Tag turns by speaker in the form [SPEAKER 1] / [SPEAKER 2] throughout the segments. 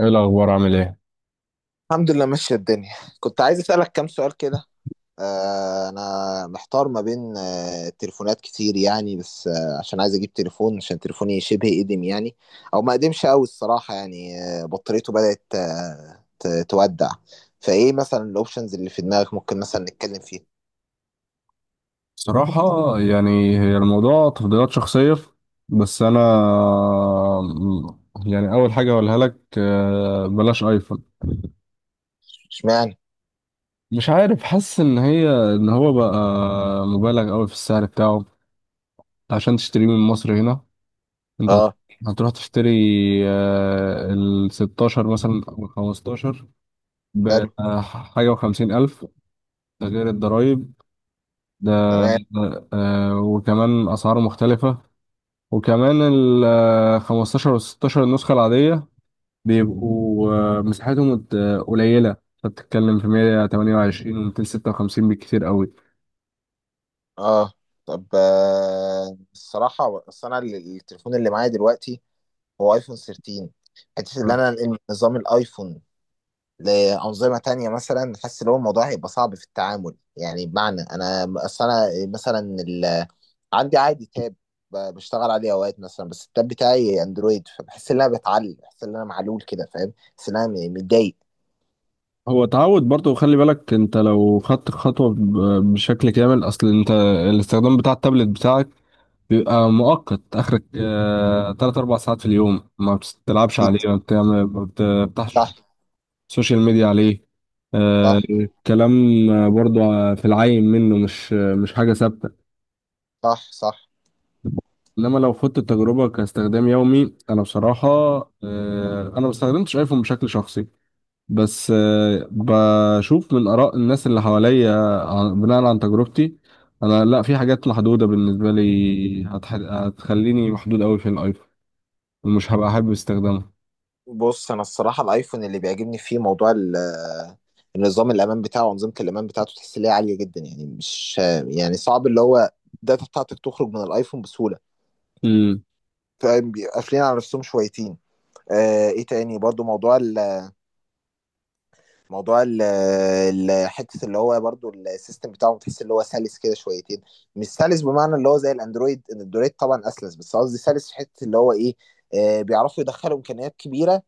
[SPEAKER 1] ايه الاخبار؟ عامل ايه؟
[SPEAKER 2] الحمد لله، ماشية الدنيا. كنت عايز أسألك كام سؤال كده. أنا محتار ما بين تليفونات كتير يعني، بس عشان عايز أجيب تليفون، عشان تليفوني شبه قديم يعني. أو ما قديمش أوي الصراحة، يعني بطاريته بدأت تودع. فإيه مثلا الأوبشنز اللي في دماغك ممكن مثلا نتكلم فيها؟
[SPEAKER 1] صراحة، يعني هي الموضوع تفضيلات شخصية. بس انا يعني اول حاجة اقولها لك بلاش ايفون.
[SPEAKER 2] اشمعنى؟
[SPEAKER 1] مش عارف، حاسس ان هي ان هو بقى مبالغ قوي في السعر بتاعه عشان تشتريه من مصر هنا. انت هت-
[SPEAKER 2] أه.
[SPEAKER 1] هتروح تشتري ال 16 مثلا او ال 15
[SPEAKER 2] حلو.
[SPEAKER 1] بحاجة وخمسين الف. ده غير الضرايب ده
[SPEAKER 2] تمام.
[SPEAKER 1] وكمان اسعاره مختلفة. وكمان ال 15 وال 16 النسخة العادية بيبقوا قليلة، فبتتكلم في 128 و 256 بالكتير قوي.
[SPEAKER 2] أه طب، الصراحة، التليفون اللي معايا دلوقتي هو أيفون 13. حته ان
[SPEAKER 1] آه.
[SPEAKER 2] انا انقل من نظام الايفون لأنظمة تانية مثلا، حاسس إن هو الموضوع هيبقى صعب في التعامل، يعني بمعنى أنا أصل أنا مثلا ال... عندي عادي تاب، بشتغل عليه أوقات مثلا، بس التاب بتاعي أندرويد، فبحس إن أنا بتعلق، بحس إن أنا معلول كده، فاهم، بحس إن أنا متضايق.
[SPEAKER 1] هو تعود برضه، خلي بالك انت لو خدت خطوة بشكل كامل. اصل انت الاستخدام بتاع التابلت بتاعك بيبقى مؤقت، اخرك تلات اربع ساعات في اليوم، ما بتلعبش
[SPEAKER 2] أكيد.
[SPEAKER 1] عليه، ما بتفتحش
[SPEAKER 2] صح.
[SPEAKER 1] سوشيال ميديا عليه
[SPEAKER 2] صح.
[SPEAKER 1] الكلام. برضه في العين منه، مش حاجة ثابتة.
[SPEAKER 2] صح، صح.
[SPEAKER 1] انما لو خدت التجربه كاستخدام يومي، انا بصراحه انا ما استخدمتش ايفون بشكل شخصي، بس بشوف من اراء الناس اللي حواليا. بناء عن تجربتي، انا لا، في حاجات محدوده بالنسبه لي هتخليني محدود قوي في الايفون ومش هبقى احب استخدامه.
[SPEAKER 2] بص، أنا الصراحة الأيفون اللي بيعجبني فيه موضوع النظام الأمان بتاعه وأنظمة الأمان بتاعته، تحس إن هي عالية جدا، يعني مش، يعني صعب اللي هو الداتا بتاعتك تخرج من الأيفون بسهولة،
[SPEAKER 1] امم.
[SPEAKER 2] فاهم، بيبقى قافلين على نفسهم شويتين. ايه تاني برضو موضوع حته اللي هو برضو السيستم بتاعه، تحس اللي هو سلس كده شويتين. مش سلس بمعنى اللي هو زي الاندرويد، الاندرويد طبعا اسلس، بس قصدي سلس في حته اللي هو ايه، بيعرفوا يدخلوا امكانيات كبيره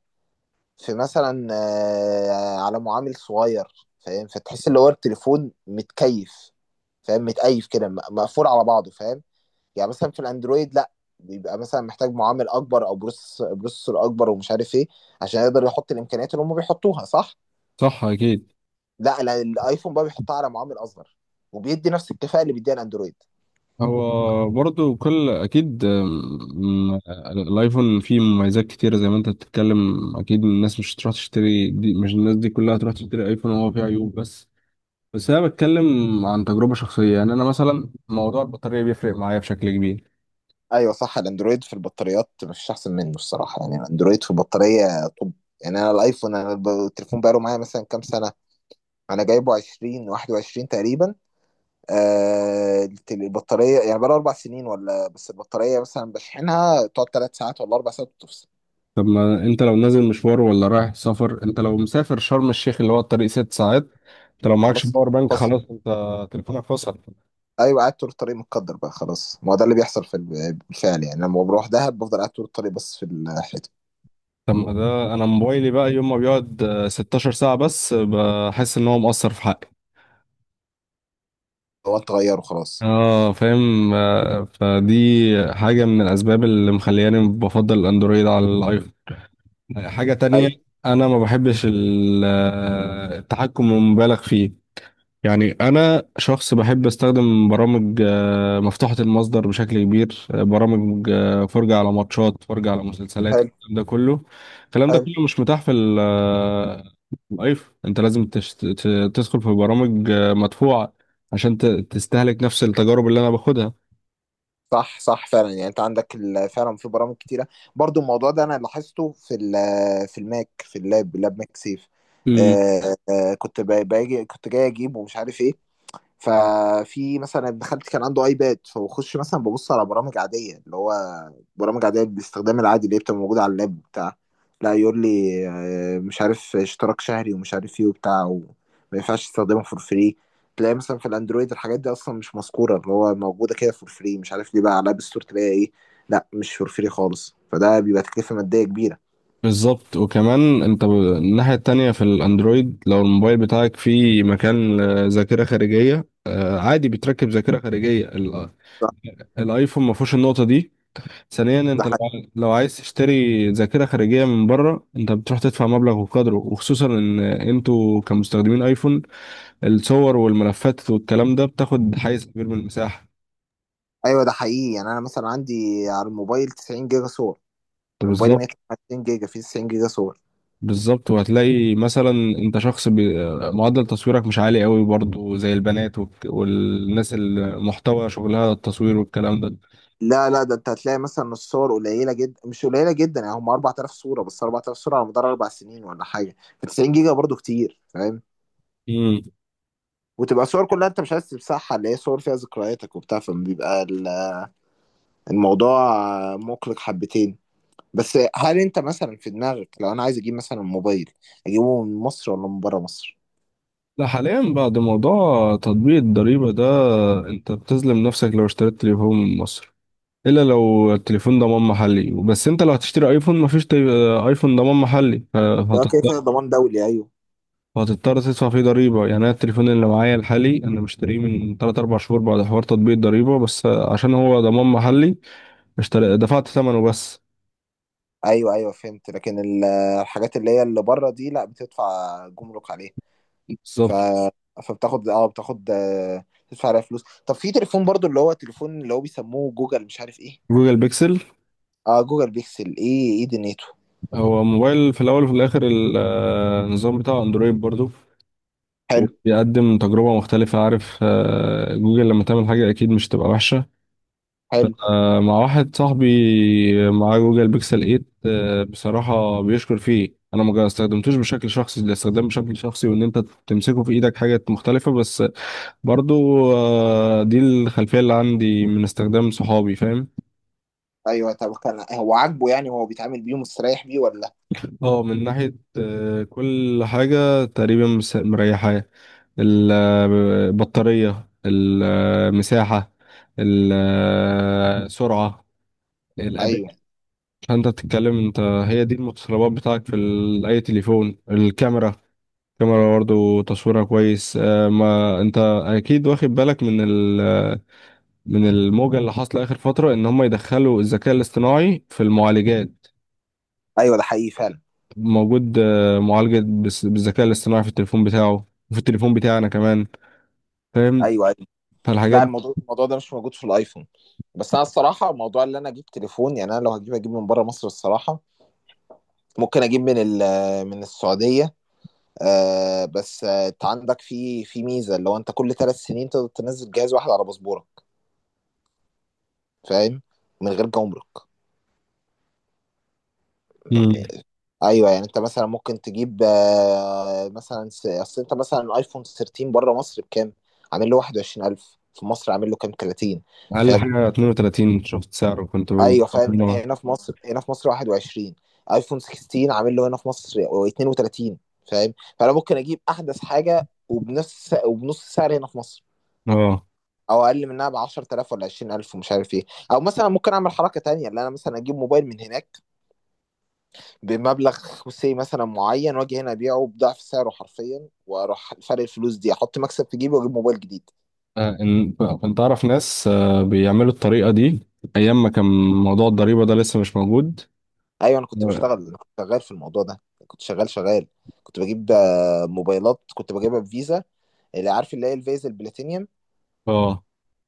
[SPEAKER 2] في مثلا، على معامل صغير، فاهم، فتحس اللي هو التليفون متكيف، فاهم، متقيف كده، مقفول على بعضه، فاهم. يعني مثلا في الاندرويد لا، بيبقى مثلا محتاج معامل اكبر او بروسيسور اكبر ومش عارف ايه، عشان يقدر يحط الامكانيات اللي هم بيحطوها. صح.
[SPEAKER 1] صح اكيد.
[SPEAKER 2] لا، لا، الايفون بقى بيحطها على معامل اصغر، وبيدي نفس الكفاءه اللي بيديها الاندرويد.
[SPEAKER 1] هو برضو كل اكيد. الايفون فيه مميزات كتيره زي ما انت بتتكلم، اكيد الناس مش هتروح تشتري دي. مش الناس دي كلها هتروح تشتري ايفون وهو فيه عيوب، بس انا بتكلم عن تجربه شخصيه. يعني انا مثلا موضوع البطاريه بيفرق معايا بشكل كبير.
[SPEAKER 2] ايوه، صح، الاندرويد في البطاريات مفيش احسن منه الصراحه يعني، الاندرويد في البطاريه. طب، يعني انا الايفون التليفون بقاله معايا مثلا كام سنه، انا جايبه 20 21 تقريبا. البطاريه يعني بقاله اربع سنين ولا، بس البطاريه مثلا بشحنها تقعد ثلاث ساعات ولا اربع ساعات وتفصل.
[SPEAKER 1] طب ما انت لو نازل مشوار ولا رايح سفر، انت لو مسافر شرم الشيخ اللي هو الطريق ست ساعات، انت لو معكش
[SPEAKER 2] خلاص،
[SPEAKER 1] باور بانك،
[SPEAKER 2] فصل.
[SPEAKER 1] خلاص انت تليفونك فصل.
[SPEAKER 2] ايوه، قاعد طول الطريق، متقدر بقى، خلاص، ما هو ده اللي بيحصل بالفعل يعني، لما بروح دهب بفضل قاعد طول الطريق، بس في الحته
[SPEAKER 1] طب ما ده انا موبايلي بقى يوم ما بيقعد 16 ساعه بس بحس ان هو مقصر في حقي.
[SPEAKER 2] هو انت غيره خلاص.
[SPEAKER 1] اه، فاهم. فدي حاجة من الأسباب اللي مخلياني بفضل الأندرويد على الآيفون. حاجة تانية،
[SPEAKER 2] ايوه.
[SPEAKER 1] أنا ما بحبش التحكم المبالغ فيه. يعني أنا شخص بحب أستخدم برامج مفتوحة المصدر بشكل كبير، برامج فرجة على ماتشات، فرجة على مسلسلات،
[SPEAKER 2] حلو.
[SPEAKER 1] الكلام ده كله.
[SPEAKER 2] حلو.
[SPEAKER 1] مش متاح في في الآيفون. أنت لازم تدخل في برامج مدفوعة عشان تستهلك نفس التجارب اللي أنا باخدها.
[SPEAKER 2] صح، صح، فعلا يعني انت عندك فعلا في برامج كتيره، برضو الموضوع ده انا لاحظته في الماك، في اللاب، لاب ماك سيف.
[SPEAKER 1] مم.
[SPEAKER 2] كنت ب- باجي كنت جاي اجيب ومش عارف ايه. ففي مثلا ابن خالتي كان عنده ايباد، فبخش مثلا ببص على برامج عاديه، اللي هو برامج عاديه بالاستخدام العادي، اللي هي بتبقى موجوده على اللاب بتاع، لا يقول لي مش عارف اشتراك شهري ومش عارف ايه وبتاع، وما ينفعش تستخدمه فور فري، تلاقي مثلا في الاندرويد الحاجات دي اصلا مش مذكوره، اللي هو موجوده كده فور فري، مش عارف ليه بقى، على الاب ستور تلاقي ايه، لا مش فور فري خالص، فده بيبقى تكلفه ماديه كبيره.
[SPEAKER 1] بالظبط. وكمان انت الناحية التانية في الاندرويد، لو الموبايل بتاعك فيه مكان ذاكرة خارجية عادي بتركب ذاكرة خارجية.
[SPEAKER 2] صح.
[SPEAKER 1] الايفون ما فيهوش النقطة دي. ثانيا،
[SPEAKER 2] ده
[SPEAKER 1] انت لو
[SPEAKER 2] حقيقي.
[SPEAKER 1] لو عايز تشتري ذاكرة خارجية من بره انت بتروح تدفع مبلغ وقدره، وخصوصا ان انتوا كمستخدمين ايفون الصور والملفات والكلام ده بتاخد حيز كبير من المساحة.
[SPEAKER 2] ايوه، ده حقيقي يعني، انا مثلا عندي على الموبايل 90 جيجا صور. أنا موبايلي 130 جيجا، فيه 90 جيجا صور.
[SPEAKER 1] بالظبط. وهتلاقي مثلا انت شخص معدل تصويرك مش عالي قوي برضو، زي البنات والناس المحتوى شغلها التصوير والكلام ده.
[SPEAKER 2] لا لا، ده انت هتلاقي مثلا الصور قليله جدا، مش قليله جدا يعني، هم 4000 صوره، بس 4000 صوره على مدار اربع سنين ولا حاجه، ف 90 جيجا برضو كتير، فاهم،
[SPEAKER 1] امم.
[SPEAKER 2] وتبقى صور كلها انت مش عايز تمسحها، اللي هي صور فيها ذكرياتك وبتاع، فبيبقى الموضوع مقلق حبتين. بس هل انت مثلا في دماغك، لو انا عايز اجيب مثلا موبايل، اجيبه من مصر ولا من بره مصر؟
[SPEAKER 1] لا، حاليا بعد موضوع تطبيق الضريبة ده انت بتظلم نفسك لو اشتريت تليفون من مصر، الا لو التليفون ضمان محلي. بس انت لو هتشتري ايفون مفيش ايفون ضمان محلي
[SPEAKER 2] لا، كده
[SPEAKER 1] فهتضطر
[SPEAKER 2] كده ضمان دولي، ايوه.
[SPEAKER 1] تدفع فيه ضريبة. يعني أنا التليفون اللي معايا الحالي أنا مشتريه من 3 4 شهور بعد حوار تطبيق الضريبة، بس عشان هو ضمان محلي اشتري دفعت ثمنه بس.
[SPEAKER 2] ايوه، ايوه فهمت، لكن الحاجات اللي هي اللي بره دي لا، بتدفع جمرك عليها، ف،
[SPEAKER 1] بالظبط.
[SPEAKER 2] فبتاخد، اه بتاخد آه، تدفع عليها فلوس. طب في تليفون برضو اللي هو تليفون اللي هو بيسموه جوجل مش عارف ايه.
[SPEAKER 1] جوجل بيكسل
[SPEAKER 2] اه، جوجل بيكسل، ايه ايه دنيته؟
[SPEAKER 1] هو موبايل في الاول وفي الاخر، النظام بتاعه اندرويد برضو
[SPEAKER 2] حلو.
[SPEAKER 1] وبيقدم تجربة مختلفة. عارف جوجل لما تعمل حاجة أكيد مش تبقى وحشة.
[SPEAKER 2] حلو.
[SPEAKER 1] مع واحد صاحبي معاه جوجل بيكسل 8 بصراحة بيشكر فيه. أنا ما استخدمتوش بشكل شخصي، ده استخدام بشكل شخصي. وإن أنت تمسكه في إيدك حاجة مختلفة، بس برضو دي الخلفية اللي عندي من استخدام صحابي، فاهم.
[SPEAKER 2] ايوه، طب كان هو عاجبه يعني، هو بيتعامل بيه ومستريح بيه ولا؟
[SPEAKER 1] اه، من ناحية كل حاجة تقريبا مريحاه: البطارية، المساحة، السرعة، الأداء.
[SPEAKER 2] ايوه،
[SPEAKER 1] فأنت بتتكلم، انت هي دي المتطلبات بتاعك في أي تليفون. الكاميرا، الكاميرا برضه تصويرها كويس. ما انت أكيد واخد بالك من من الموجة اللي حاصلة آخر فترة إن هم يدخلوا الذكاء الاصطناعي في المعالجات.
[SPEAKER 2] ايوه، ده حقيقي فعلا.
[SPEAKER 1] موجود معالجة بالذكاء الاصطناعي في التليفون بتاعه وفي التليفون بتاعي أنا كمان، فاهم.
[SPEAKER 2] ايوه، ايوه.
[SPEAKER 1] فالحاجات
[SPEAKER 2] لا،
[SPEAKER 1] دي.
[SPEAKER 2] الموضوع ده مش موجود في الايفون. بس انا الصراحه، موضوع اللي انا اجيب تليفون، يعني انا لو هجيب اجيب من بره مصر الصراحه، ممكن اجيب من السعوديه. آه، بس انت عندك في ميزه، اللي هو انت كل ثلاث سنين تقدر تنزل جهاز واحد على باسبورك، فاهم، من غير جمرك.
[SPEAKER 1] مم.
[SPEAKER 2] ايوه، يعني انت مثلا ممكن تجيب، اصل انت مثلا ايفون 13 بره مصر بكام؟ عامل له 21,000، في مصر عامل له كام، 30؟
[SPEAKER 1] أقل
[SPEAKER 2] فاهم.
[SPEAKER 1] حاجة 32، شفت سعره كنت
[SPEAKER 2] ايوه، فاهم، هنا في مصر، 21. ايفون 16 عامل له هنا في مصر 32. فاهم، فانا ممكن اجيب احدث حاجه وبنفس السعر هنا في مصر،
[SPEAKER 1] اه.
[SPEAKER 2] او اقل منها ب 10,000 ولا 20,000 ومش عارف ايه. او مثلا ممكن اعمل حركه تانية، اللي انا مثلا اجيب موبايل من هناك بمبلغ مثلا معين، واجي هنا ابيعه بضعف سعره حرفيا، واروح فرق الفلوس دي احط مكسب في جيبي، واجيب موبايل جديد.
[SPEAKER 1] آه، إن- كنت أعرف ناس بيعملوا الطريقة دي أيام ما كان موضوع الضريبة ده لسه مش موجود.
[SPEAKER 2] ايوه،
[SPEAKER 1] اه.
[SPEAKER 2] انا كنت شغال في الموضوع ده، كنت شغال شغال، كنت بجيب موبايلات، كنت بجيبها بفيزا، اللي عارف اللي هي الفيزا البلاتينيوم.
[SPEAKER 1] آه،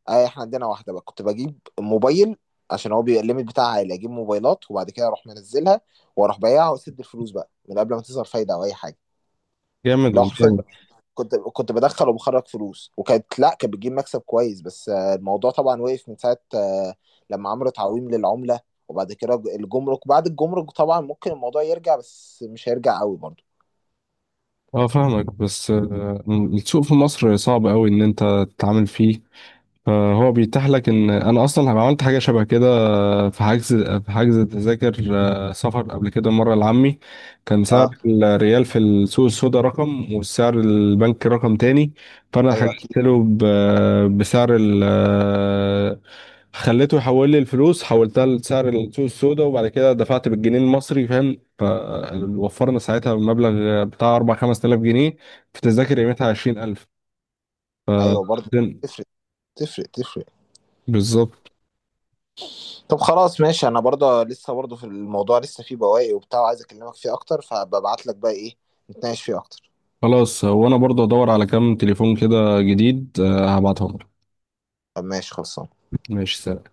[SPEAKER 2] اه، احنا عندنا واحده بقى، كنت بجيب موبايل عشان هو بيبقى الليميت بتاعها عالي، اجيب موبايلات وبعد كده اروح منزلها، واروح بايعها واسد الفلوس بقى من قبل ما تظهر فايده او اي حاجه.
[SPEAKER 1] جامد
[SPEAKER 2] لو حرفيا
[SPEAKER 1] والله.
[SPEAKER 2] كنت بدخل وبخرج فلوس، وكانت لا كانت بتجيب مكسب كويس، بس الموضوع طبعا وقف من ساعه، لما عملوا تعويم للعمله، وبعد كده الجمرك، بعد الجمرك طبعا ممكن الموضوع يرجع، بس مش هيرجع قوي برضه.
[SPEAKER 1] اه، فاهمك. بس السوق في مصر صعب أوي إن أنت تتعامل فيه، فهو بيتاح لك. ان انا اصلا عملت حاجه شبه كده في حجز، تذاكر سفر قبل كده مره لعمي، كان
[SPEAKER 2] اه.
[SPEAKER 1] سعر الريال في السوق السوداء رقم والسعر البنك رقم تاني. فانا
[SPEAKER 2] ايوه اكيد.
[SPEAKER 1] حجزت له بسعر ال آه، خليته يحول لي الفلوس، حولتها لسعر السوق السوداء وبعد كده دفعت بالجنيه المصري، فاهم. فوفرنا ساعتها مبلغ بتاع 4 5000 جنيه في تذاكر قيمتها 20000.
[SPEAKER 2] ايوه برضه، تفرق، تفرق تفرق.
[SPEAKER 1] بالظبط.
[SPEAKER 2] طب خلاص ماشي، انا برضه لسه برضه في الموضوع، لسه فيه بواقي وبتاع، وعايز اكلمك فيه اكتر، فببعت لك بقى ايه نتناقش فيه اكتر.
[SPEAKER 1] خلاص، وانا برضه ادور على كام تليفون كده جديد هبعتهم لك.
[SPEAKER 2] طب ماشي، خلصان.
[SPEAKER 1] ماشي، سلام.